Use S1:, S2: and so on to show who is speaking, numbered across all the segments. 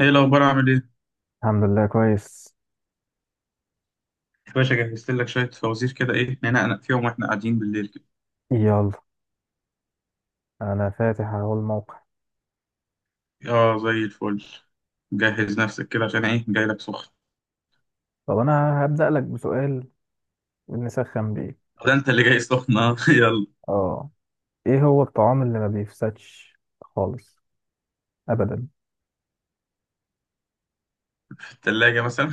S1: ايه الاخبار عامل ايه
S2: الحمد لله كويس.
S1: يا باشا؟ جهزت لك شويه فوازير كده، ايه ننقنق فيهم واحنا قاعدين بالليل كده؟
S2: يلا انا فاتح اهو الموقع.
S1: اه، زي الفل. جهز نفسك كده عشان ايه؟ جاي لك سخن.
S2: طب انا هبدأ لك بسؤال نسخن بيه.
S1: ده انت اللي جاي سخن اه يلا.
S2: اه، ايه هو الطعام اللي ما بيفسدش خالص؟ ابدا.
S1: في التلاجة مثلا؟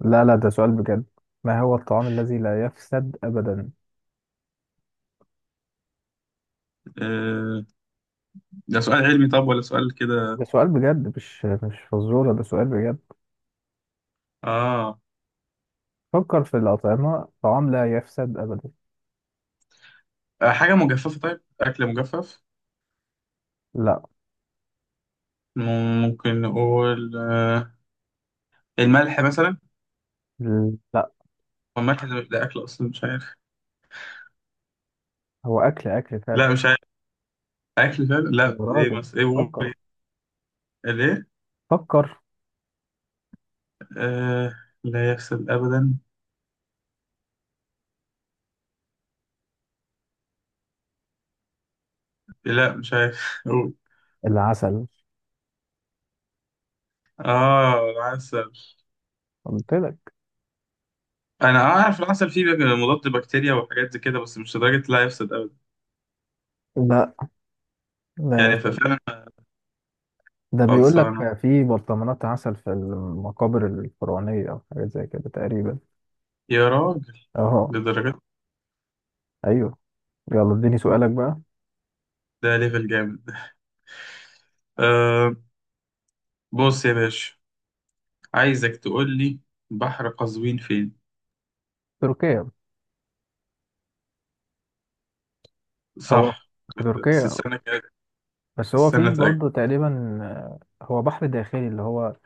S2: لا لا، ده سؤال بجد. ما هو الطعام الذي لا يفسد ابدا؟
S1: آه، ده سؤال علمي طب ولا سؤال كده؟
S2: ده سؤال بجد، مش فزورة، ده سؤال بجد.
S1: اه،
S2: فكر في الأطعمة، طعام لا يفسد ابدا.
S1: حاجه مجففه، طيب اكل مجفف.
S2: لا.
S1: م- ممكن نقول آه الملح مثلا.
S2: لا،
S1: هو الملح ده اكل اصلا؟ مش عارف.
S2: هو اكل، اكل
S1: لا
S2: فعلا.
S1: مش عارف. اكل فعلا؟
S2: يا
S1: لا، ايه
S2: راجل،
S1: مثلا؟ ايه قول؟
S2: فكر،
S1: ايه ليه؟
S2: فكر.
S1: آه، لا يفسد ابدا؟ لا مش عارف.
S2: العسل.
S1: اه العسل.
S2: قلت لك.
S1: انا اعرف العسل فيه مضاد بكتيريا وحاجات زي كده، بس مش لدرجه لا يفسد ابدا.
S2: لا، لا
S1: يعني
S2: يفسد.
S1: ففعلا
S2: ده بيقول
S1: خلصانه
S2: لك في برطمانات عسل في المقابر الفرعونية أو حاجات زي كده تقريبا.
S1: يا راجل،
S2: أهو.
S1: لدرجه؟
S2: أيوه. يلا اديني سؤالك بقى.
S1: ده ليفل جامد. آه، بص يا باشا، عايزك تقول لي بحر قزوين فين.
S2: تركيا. هو
S1: صح،
S2: في
S1: بس
S2: تركيا.
S1: السنه كده.
S2: بس هو
S1: السنه،
S2: في
S1: اتأكد.
S2: برضه تقريبا. هو بحر داخلي، اللي هو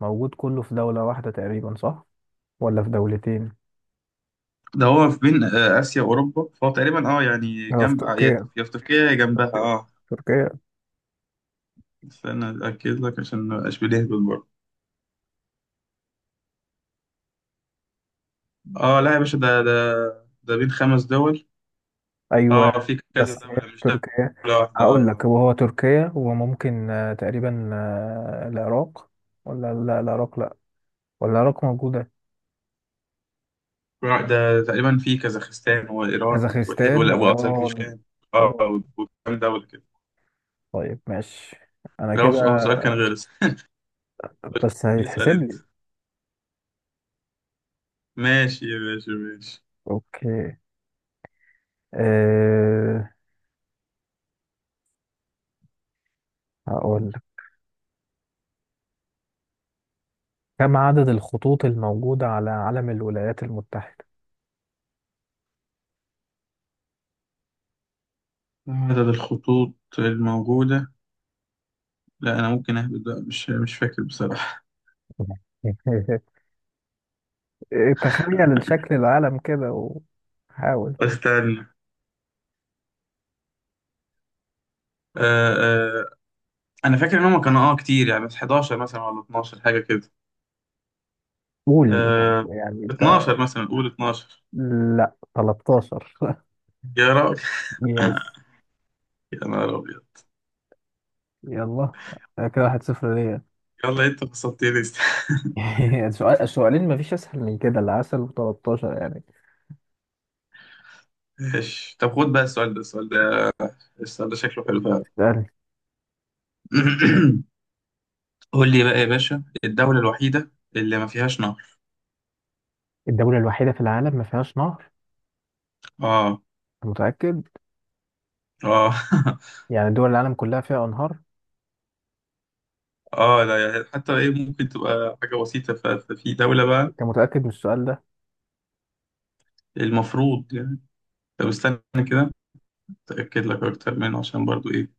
S2: موجود كله في دولة واحدة تقريبا، صح؟ ولا في دولتين؟
S1: ده هو في بين اسيا واوروبا، فهو تقريبا اه يعني
S2: هو في
S1: جنب يا
S2: تركيا،
S1: يا في تركيا، يا جنبها
S2: تركيا،
S1: اه.
S2: تركيا.
S1: استنى اتاكد لك عشان ما ابقاش بنهبل برضه. اه لا يا باشا، ده ده بين خمس دول. اه
S2: أيوه.
S1: في كذا
S2: بس هي في
S1: دولة، مش دولة
S2: تركيا.
S1: واحدة.
S2: هقول لك هو هو تركيا، وممكن تقريبا العراق. ولا لا، العراق لا. ولا العراق موجودة.
S1: آه. ده تقريبا في كازاخستان وإيران
S2: كازاخستان وإيران.
S1: وأذربيجان. اه
S2: إيران.
S1: وكام دولة كده.
S2: طيب ماشي، أنا كده،
S1: هو سؤال كان غير السؤال.
S2: بس
S1: اسأل
S2: هيتحسب
S1: أنت.
S2: لي.
S1: ماشي ماشي ماشي.
S2: أوكي. أه... هقول لك، كم عدد الخطوط الموجودة على علم الولايات المتحدة؟
S1: عدد الخطوط الموجودة؟ لا أنا ممكن أهبط بقى، مش فاكر بصراحة.
S2: تخيل الشكل العالم كده وحاول.
S1: استنى آه آه، أنا فاكر إن هما كانوا اه كتير يعني، بس 11 مثلا ولا 12 حاجة كده.
S2: قول.
S1: آه،
S2: يعني أنت.
S1: 12 مثلا، قول 12.
S2: لا، 13.
S1: يا راجل
S2: يس.
S1: يا نهار أبيض.
S2: يلا، كده 1-0 ليا.
S1: يلا انت فصلتني
S2: السؤال، السؤالين، مفيش أسهل من كده، العسل و13 يعني.
S1: ماشي، طب خد بقى السؤال ده. السؤال ده شكله حلو فعلا. قول لي بقى يا باشا، الدولة الوحيدة اللي ما فيهاش نهر.
S2: الدولة الوحيدة في العالم ما فيهاش نهر؟
S1: اه.
S2: أنت متأكد؟
S1: اه
S2: يعني دول العالم كلها فيها أنهار؟
S1: اه لا يعني حتى ايه، ممكن تبقى حاجة بسيطة ففي دولة بقى.
S2: أنت متأكد من السؤال ده؟
S1: المفروض يعني. طب استنى كده، اتأكد لك اكتر منه عشان برضو ايه.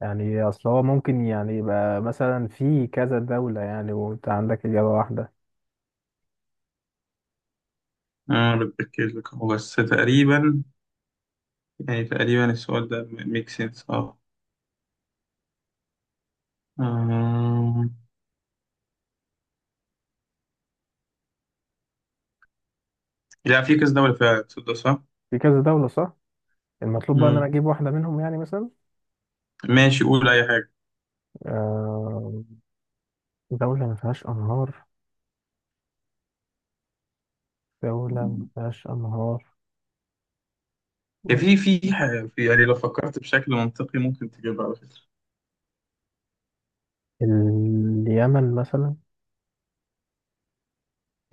S2: يعني أصل هو ممكن يعني يبقى مثلا في كذا دولة يعني، وأنت عندك إجابة واحدة.
S1: انا بتأكد لك، هو بس تقريبا يعني تقريبا السؤال ده ميك سنس اه. آه. لا في كذا دولة فعلا، تصدق صح؟
S2: في كذا دولة، صح. المطلوب بقى إن أنا أجيب واحدة منهم، يعني مثلا
S1: ماشي قول أي حاجة.
S2: آه، دولة ما فيهاش أنهار، دولة ما فيهاش أنهار.
S1: هي في في، يعني لو فكرت بشكل منطقي ممكن تجيبها على فكرة.
S2: اليمن مثلا.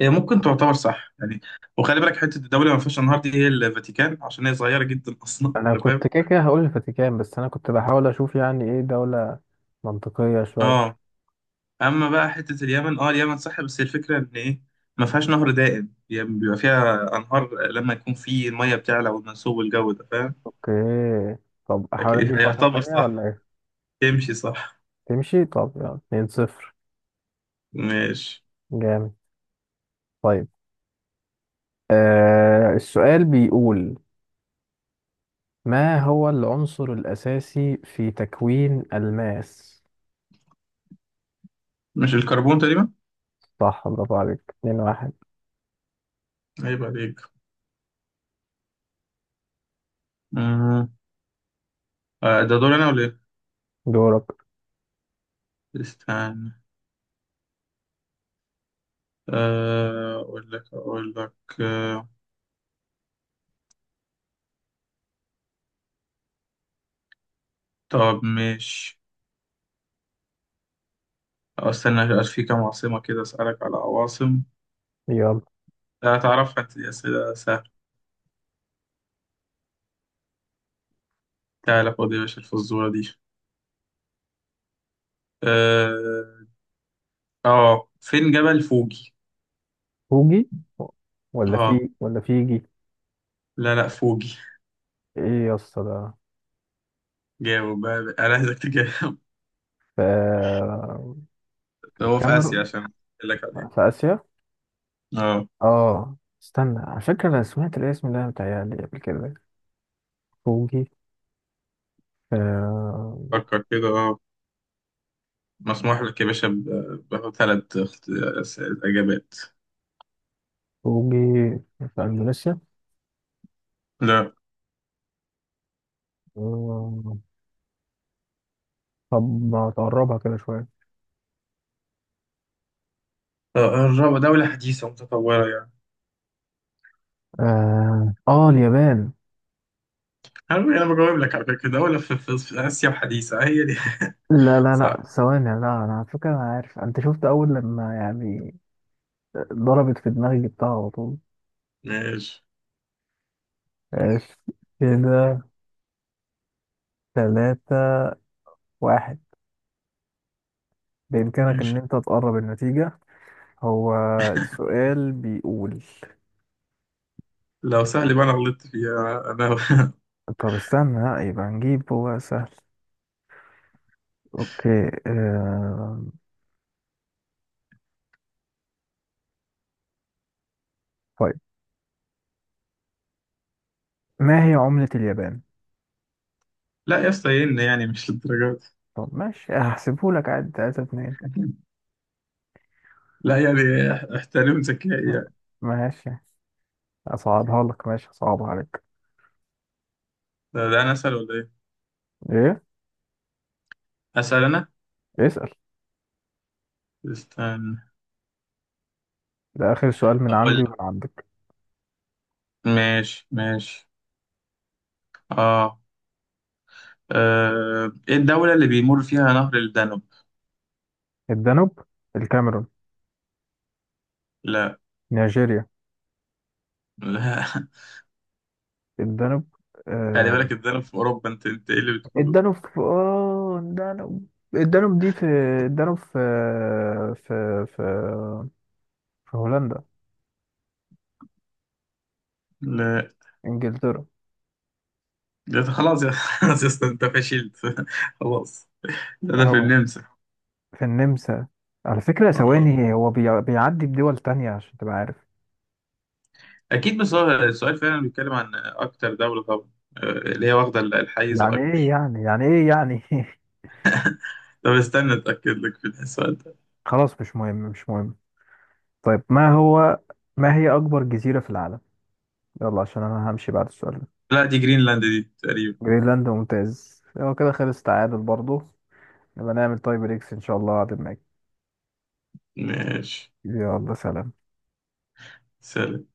S1: هي ممكن تعتبر صح يعني، وخلي بالك حتة الدولة ما فيهاش أنهار دي هي الفاتيكان، عشان هي صغيرة جدا أصلا،
S2: أنا
S1: أنت فاهم.
S2: كنت كده كده هقول الفاتيكان، بس أنا كنت بحاول أشوف يعني إيه دولة منطقية شوية.
S1: اه. أما بقى حتة اليمن، اه اليمن صح، بس هي الفكرة إن إيه، ما فيهاش نهر دائم يعني، بيبقى فيها أنهار لما يكون في المية بتعلى والمنسوب والجو ده، فاهم.
S2: اوكي. طب احاول
S1: لكن هي
S2: اجيب واحدة
S1: يعتبر
S2: تانية ولا
S1: صح،
S2: ايه؟
S1: تمشي صح.
S2: تمشي. طب يلا، 2-0.
S1: ماشي.
S2: جامد. طيب، آه، السؤال بيقول، ما هو العنصر الأساسي في تكوين الماس؟
S1: مش الكربون تقريبا؟
S2: صح، برافو عليك، 2-1.
S1: عيب عليك. مم. آه، ده دور أنا ولا إيه؟
S2: دورك.
S1: استنى آه، أقول لك آه، طب ماشي. أو استنى في كام عاصمة كده أسألك على عواصم.
S2: يلا.
S1: لا تعرفها أنت، دي أسئلة سهلة. تعالى خد يا باشا الفزورة دي. آه، آه، فين جبل فوجي؟
S2: فوجي. ولا
S1: آه
S2: في ولا فيجي؟
S1: لا لا فوجي.
S2: ايه يا اسطى ده.
S1: جاوب بقى بقى. أنا عايزك تجاوب.
S2: في. في
S1: هو في آسيا
S2: الكاميرون.
S1: عشان أقول لك عليه.
S2: في آسيا.
S1: آه،
S2: اه. استنى، على فكرة، انا سمعت الاسم ده متهيألي قبل كده. فوجي. آه.
S1: فكر كده آه، مسموح لك يا باشا بثلاث إجابات.
S2: فوجي في اندونيسيا.
S1: لا.
S2: آه، طب ما تقربها كده شويه.
S1: آه، الرابعة دولة حديثة متطورة.
S2: اه اليابان.
S1: عارف انا بجاوب لك على فكره، دوله في اسيا الحديثه هي دي.
S2: لا لا لا،
S1: صح.
S2: ثواني، لا، انا على فكره انا عارف. انت شفت اول لما يعني ضربت في دماغي، جبتها على طول.
S1: ماشي
S2: ماشي. كده 3-1. بإمكانك إن
S1: ماشي.
S2: أنت تقرب النتيجة. هو السؤال بيقول،
S1: لو سهل بقى انا غلطت فيها انا
S2: طب استنى لا، يبقى نجيب، هو سهل. أوكي. طيب، ما هي عملة اليابان؟
S1: لا يا اسطى إيه إن يعني مش للدرجه
S2: طب ماشي، هحسبهولك عادي، 3-2.
S1: دي. لا يعني احترم ذكائي يعني.
S2: ماشي. أصعبها لك، ماشي، أصعبها عليك.
S1: ده انا اسال ولا ايه؟
S2: إيه؟
S1: اسال انا.
S2: اسأل.
S1: استنى،
S2: ده آخر سؤال من
S1: اقول
S2: عندي
S1: لك.
S2: ومن عندك.
S1: ماشي ماشي. اه آه، ايه الدوله اللي بيمر فيها نهر الدانوب؟
S2: الدانوب. الكاميرون.
S1: لا.
S2: نيجيريا.
S1: لا
S2: الدانوب.
S1: خلي
S2: آه.
S1: بالك الدانوب في اوروبا، انت ايه اللي بتقول؟
S2: الدانوب، الدانوب دي في، الدانوب في، في في في هولندا.
S1: لا.
S2: إنجلترا.
S1: ده خلاص يا خلاص يا اسطى انت فشلت خلاص. ده في
S2: أهو
S1: النمسا.
S2: في النمسا. على فكرة
S1: آه.
S2: ثواني، هو بيعدي بدول تانية عشان تبقى عارف.
S1: اكيد، بس هو السؤال فعلا بيتكلم عن اكتر دوله طبعا، اللي هي واخده الحيز
S2: يعني إيه
S1: الاكبر.
S2: يعني، يعني إيه يعني.
S1: طب استنى اتاكد لك في السؤال ده.
S2: خلاص، مش مهم، مش مهم. طيب، ما هي أكبر جزيرة في العالم؟ يلا عشان أنا همشي بعد السؤال ده.
S1: لا دي جرينلاند دي تقريبا.
S2: جرينلاند، ممتاز. هو كده خلص تعادل برضو، نبقى نعمل تاي بريكس إن شاء الله هعدل معاك.
S1: ماشي.
S2: يلا سلام.
S1: سلام.